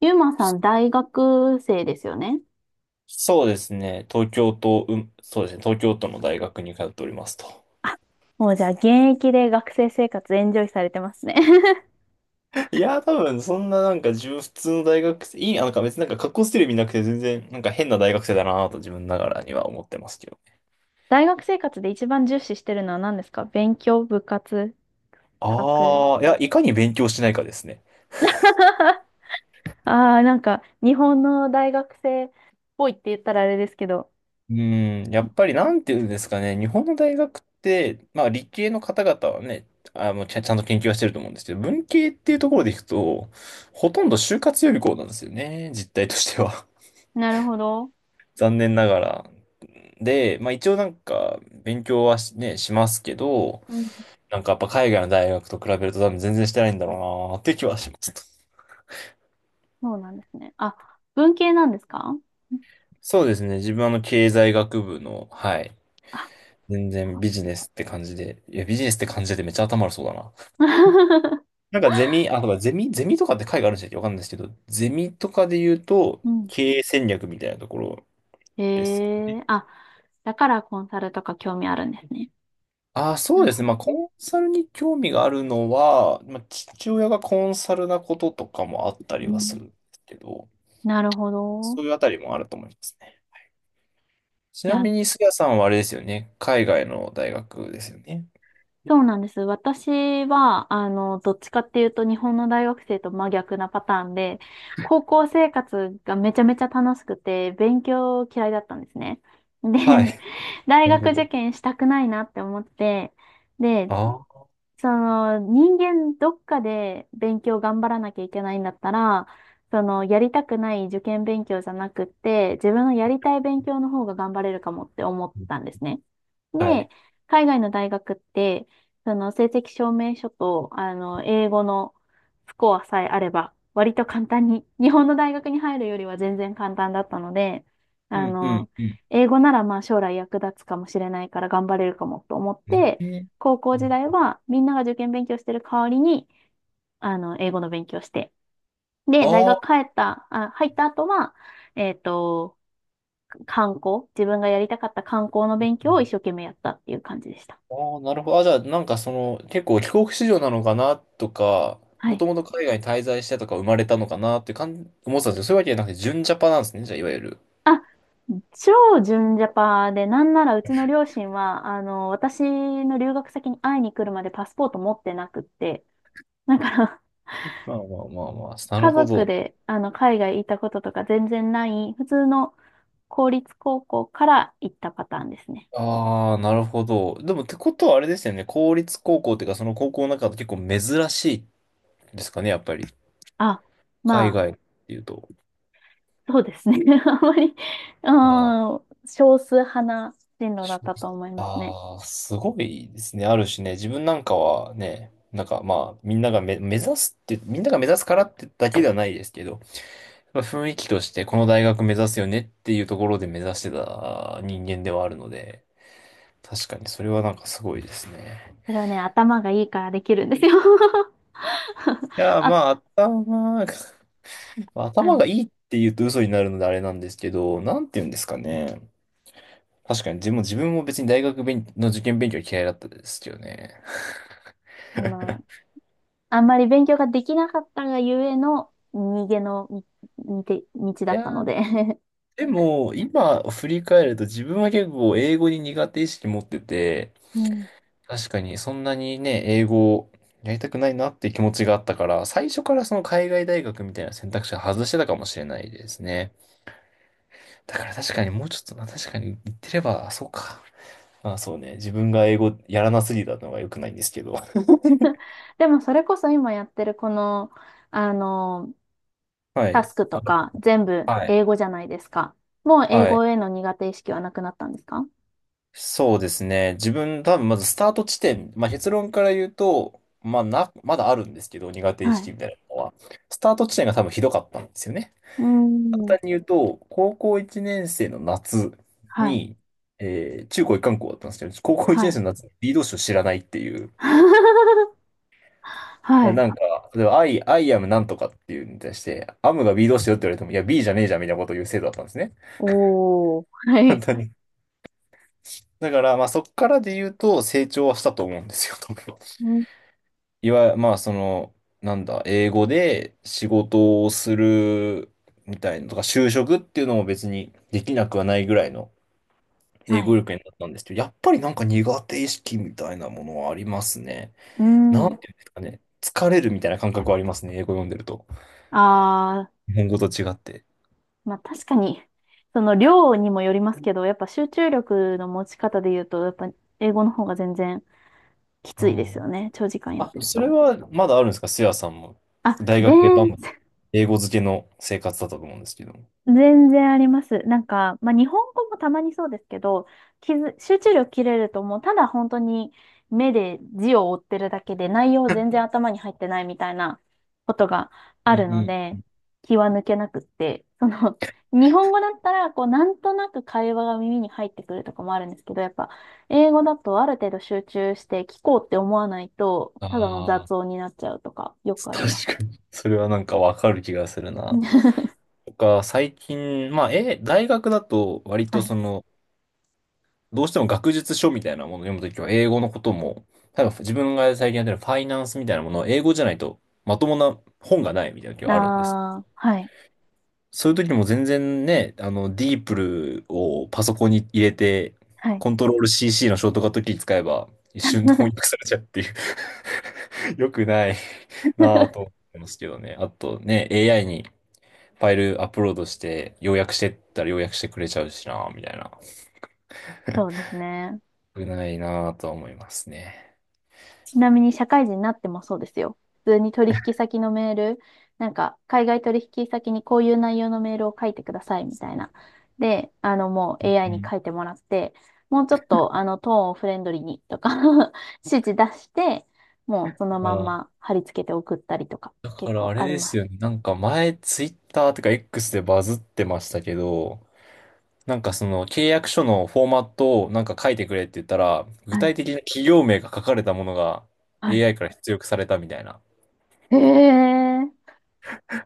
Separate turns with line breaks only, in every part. ゆうまさん、大学生ですよね。
そうですね。東京都、そうですね。東京都の大学に通っておりますと。
もうじゃあ現役で学生生活エンジョイされてますね。
多分、そんななんか、自分普通の大学生、いい、あなんか別に格好してる意味なくて、全然、なんか変な大学生だなぁと自分ながらには思ってますけど。
大学生活で一番重視してるのは何ですか？勉強、部活、サークル。
ああ、いや、いかに勉強しないかですね。
ああ、なんか日本の大学生っぽいって言ったらあれですけど。
うん、やっぱりなんていうんですかね、日本の大学って、まあ理系の方々はね、ちゃんと研究はしてると思うんですけど、文系っていうところでいくと、ほとんど就活予備校なんですよね、実態としては。
なるほど。
残念ながら。で、まあ一応なんか勉強はしね、しますけど、
うん、
なんかやっぱ海外の大学と比べると多分全然してないんだろうなって気はします。
そうなんですね。あ、文系なんですか？
そうですね。自分はあの経済学部の、はい。
あ
全然ビジネスって感じで、いやビジネスって感じでめっちゃ頭悪そうだな。なんかゼミ、あ、とかゼミ、ゼミとかって会があるんでしたっけ、わかんないですけど、ゼミとかで言うと
うん。
経営戦略みたいなところ
へ
ですかね。
え、あ、だからコンサルとか興味あるんですね。
あ、そ
な
う
る
です
ほ
ね。
ど
まあ、コ
ね。
ンサルに興味があるのは、まあ、父親がコンサルなこととかもあったり
う
はす
ん、
るんですけど、
なるほど。
そういうあたりもあると思いますね。ち
い
な
や、
みに、すやさんはあれですよね。海外の大学ですよね。
そうなんです。私は、どっちかっていうと日本の大学生と真逆なパターンで、高校生活がめちゃめちゃ楽しくて、勉強嫌いだったんですね。
は
で、
い。
大
なるほ
学受
ど。
験したくないなって思って、で、
あ
その人間どっかで勉強頑張らなきゃいけないんだったら、そのやりたくない受験勉強じゃなくって、自分のやりたい勉強の方が頑張れるかもって思ったんですね。
あ、は
で、
い。
海外の大学って、その成績証明書と、英語のスコアさえあれば、割と簡単に、日本の大学に入るよりは全然簡単だったので、
う
あ
んう
の、
んうん。
英語ならまあ将来役立つかもしれないから頑張れるかもと思って、
ね。
高校時代はみんなが受験勉強してる代わりに、英語の勉強して。で、大
ああ
学帰
ー、
った、あ、入った後は、えっと、自分がやりたかった観光の
うん
勉
う
強を一生
ん、
懸命やったっていう感じでした。
ああなるほど。あ、じゃあ、なんかその、結構帰国子女なのかなとか、
は
も
い。
ともと海外に滞在してとか生まれたのかなって感じ、思ってたんですけど、そういうわけじゃなくて、純ジャパなんですね。じゃあ、いわゆる。
あ、超純ジャパで、なんならうちの両親は、私の留学先に会いに来るまでパスポート持ってなくって、だから、
まあまあまあまあ、なる
家
ほ
族
ど。
で、海外行ったこととか全然ない、普通の公立高校から行ったパターンですね。
ああ、なるほど。でもってことはあれですよね。公立高校っていうか、その高校の中で結構珍しいですかね、やっぱり。
あ、ま
海
あ、
外っていうと。
そうですね。あんまり、
ああ、
うん、少数派な進路だ
し
っ
ょ
たと思いますね。
ああ、すごいですね。あるしね、自分なんかはね、なんかまあ、みんながめ、目指すってみんなが目指すからってだけではないですけど、まあ雰囲気としてこの大学目指すよねっていうところで目指してた人間ではあるので、確かにそれはなんかすごいですね。
それはね、頭がいいからできるんですよ。あ、
まあ、頭が、
あ
頭
の、
がいいって言うと嘘になるのであれなんですけど、なんて言うんですかね。確かに自分も別に大学勉の受験勉強は嫌いだったですけどね。
あの、あんまり勉強ができなかったがゆえの逃げのみみて道
い
だっ
や
たの
ー、
で。
でも、今振り返ると自分は結構英語に苦手意識持ってて、
うん。
確かにそんなにね、英語をやりたくないなっていう気持ちがあったから、最初からその海外大学みたいな選択肢を外してたかもしれないですね。だから確かにもうちょっとな、確かに言ってれば、そうか。あ、そうね。自分が英語やらなすぎたのが良くないんですけど。
でもそれこそ今やってるこの、あの、
は
タ
い。
スクとか全部
はい。
英語じゃないですか。もう英
はい。
語への苦手意識はなくなったんですか？
そうですね。多分まずスタート地点、まあ結論から言うと、まあな、まだあるんですけど、苦手意
は
識
い。
みたいなのは。スタート地点が多分ひどかったんですよね。
う
簡
ん。
単に言うと、高校1年生の夏
はい。
に、中高一貫校だったんですけど、高校1
は
年生
い。
の夏に B 動詞を知らないっていう。い
は
や
い。
なんか、例えば、I am なんとかっていうのに対して、アムが B 動詞よって言われても、いや、B じゃねえじゃんみたいなことを言う生徒だったんですね。
おー。は
本
い。
当に。だから、まあそっからで言うと成長はしたと思うんですよ、多分。
うん。
いわゆる、まあその、なんだ、英語で仕事をするみたいなとか、就職っていうのも別にできなくはないぐらいの英
は
語
い。
力になったんですけど、やっぱりなんか苦手意識みたいなものはありますね。
う
なんて
ん。
いうんですかね。疲れるみたいな感覚はありますね、英語読んでると。
あ
日本語と違って。
ー、まあ確かに、その量にもよりますけど、やっぱ集中力の持ち方で言うと、やっぱ英語の方が全然き
う
ついですよ
ん、
ね。長時間やっ
あ、
てる
それ
と。
はまだあるんですか、せやさんも。
あ、
大学でバンバン英語漬けの生活だったと思うんですけども。
全然あります。なんか、まあ、日本語もたまにそうですけど、集中力切れるともうただ本当に目で字を追ってるだけで内容全然頭に入ってないみたいなことが
う
あ
ん
る
う
の
ん、
で、気は抜けなくって、その、日本語だったら、こう、なんとなく会話が耳に入ってくるとかもあるんですけど、やっぱ、英語だとある程度集中して聞こうって思わないと、ただの
あ
雑
あ、
音になっちゃうとか、よくありま
確
す。
かに。それはなんかわかる気がするな。最近、大学だと割
は
と
い。
その、どうしても学術書みたいなものを読むときは英語のことも、例えば自分が最近やってるファイナンスみたいなものを英語じゃないとまともな本がないみたいな時
あ
はあるんです。
あ、はい。
そういう時も全然ね、あの、ディープルをパソコンに入れて、
はい。
コントロール CC のショートカットキー使えば一瞬で翻 訳されちゃうっていう。 良くないなぁと思 ってますけどね。あとね、AI にファイルアップロードして、要約してったら要約してくれちゃうしなぁ、みたいな。
そうですね。
良くないなぁとは思いますね。
ちなみに社会人になってもそうですよ。普通に取引先のメール、なんか海外取引先にこういう内容のメールを書いてくださいみたいな。で、あのもう
う
AI に
ん。
書いてもらって、もうちょっとあのトーンをフレンドリーにとか 指示出して、もうその
あ
まん
ー、
ま貼り付けて送ったりとか
だか
結
ら
構
あれ
あり
で
ま
す
す。
よね。なんか前、ツイッターとか X でバズってましたけど、なんかその契約書のフォーマットをなんか書いてくれって言ったら、具
はい。
体的な企業名が書かれたものが
はい。
AI から出力されたみたいな。
へえ。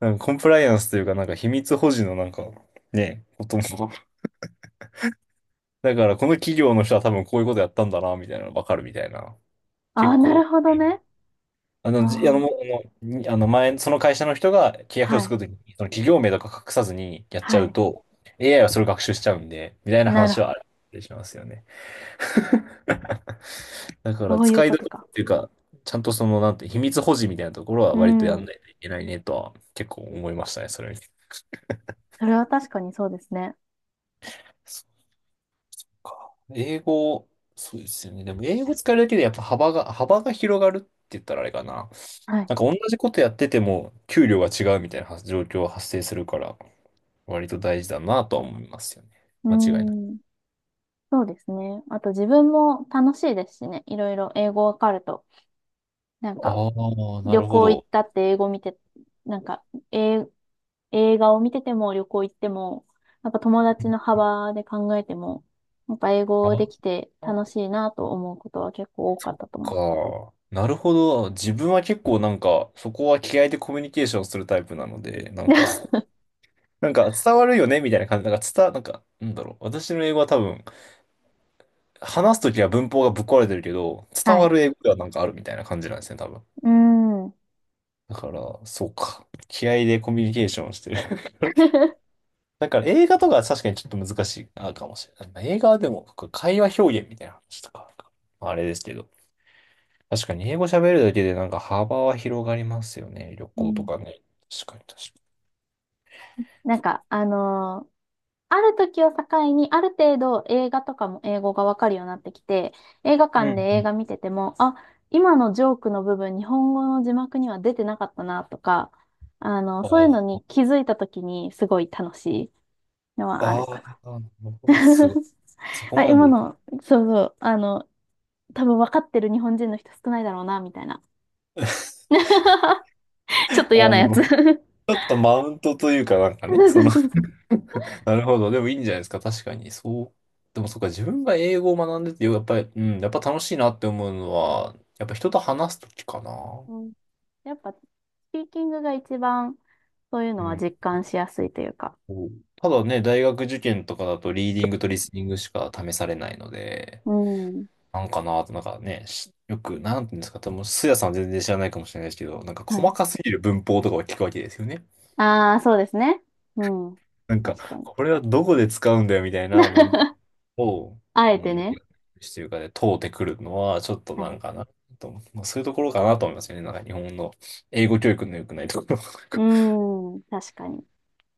なんかコンプライアンスというか、なんか秘密保持のなんか、ね、こともだから、この企業の人は多分こういうことやったんだな、みたいなのわかるみたいな。
あ
結
あ、な
構、
るほどね。
あの、じあの、
あ
も
あ。
うあの、にあの前、その会社の人が契約書を
は
作
い。
るときに、その企業名とか隠さずにやっちゃ
は
う
い。
と、AI はそれを学習しちゃうんで、みたいな
なる
話
ほ
はあ
ど。
るしますよね。だから、
そういう
使い
こ
どこ
とか。
ろっていうか、ちゃんとその、なんて、秘密保持みたいなところは
う
割とやん
ん。
ないといけないねとは、結構思いましたね、それ見て。
それは確かにそうですね。
か英語、そうですよね。でも英語使えるだけでやっぱ幅が広がるって言ったらあれかな。
はい。
なんか同じことやってても給料が違うみたいな状況が発生するから、割と大事だなとは思いますよね。
う
間違いない。
ーん。そうですね。あと自分も楽しいですしね。いろいろ英語わかると。なん
あ
か、
あ、な
旅
るほ
行行っ
ど。
たって英語見て、なんか、え、映画を見てても旅行行っても、やっぱ友
う
達
ん、
の幅で考えても、やっぱ英語でき
あ、
て楽しいなと思うことは結構多か
そ
っ
っ
たと思う。
か。なるほど。自分は結構なんか、そこは気合でコミュニケーションするタイプなので、なんか、なんか伝わるよねみたいな感じ。なんか伝わ、なんか、なんだろう。私の英語は多分、話すときは文法がぶっ壊れてるけど、伝
は
わ
い。
る英語ではなんかあるみたいな感じなんですね、多分。
うーん。
だから、そうか。気合でコミュニケーションをしてる。だから映画とかは確かにちょっと難しいかもしれない。まあ映画はでも会話表現みたいな話とか、まああれですけど。確かに英語喋るだけでなんか幅は広がりますよね。旅
う
行とか
ん、
ね。確かに確か
なんか、あのある時を境に、ある程度映画とかも英語がわかるようになってきて、映画
に、う
館で
ん、うん。
映
に。
画見てても、あ、今のジョークの部分、日本語の字幕には出てなかったなとか、そういうのに気づいた時にすごい楽しいのはあ
あ
るかな。
あ、あ、す ごい。そこ
あ、
ま
今
でいく。
の、そうそう、多分分かってる日本人の人少ないだろうな、みたいな。ちょっ
あ
と嫌なやつ。 そ
の、ちょっとマウントというかなんかね、
う
そ
そう
の。
そうそう。
なるほど。でもいいんじゃないですか。確かに。そう。でもそっか、自分が英語を学んでて、やっぱり、うん、やっぱ楽しいなって思うのは、やっぱ人と話すときかな。
うん、やっぱ、スピーキングが一番そういう
う
のは
ん。
実感しやすいというか。
そう、ただね、大学受験とかだと、リーディングとリスニングしか試されないので、
うん。
なんかなと、なんかね、しよく、なんていうんですか、多分、スヤさん全然知らないかもしれないですけど、なんか
は
細
い。
かすぎる文法とかを聞くわけですよね。
ああ、そうですね。うん。
なんか、
確かに。
これはどこで使うんだよみたいな文 を、
あえ
う
て
ん大
ね。
学というかで通ってくるのは、ちょっと
は
なん
い。
かなと思って、まあ、そういうところかなと思いますよね。なんか日本の英語教育の良くないところ。
うん。確かに。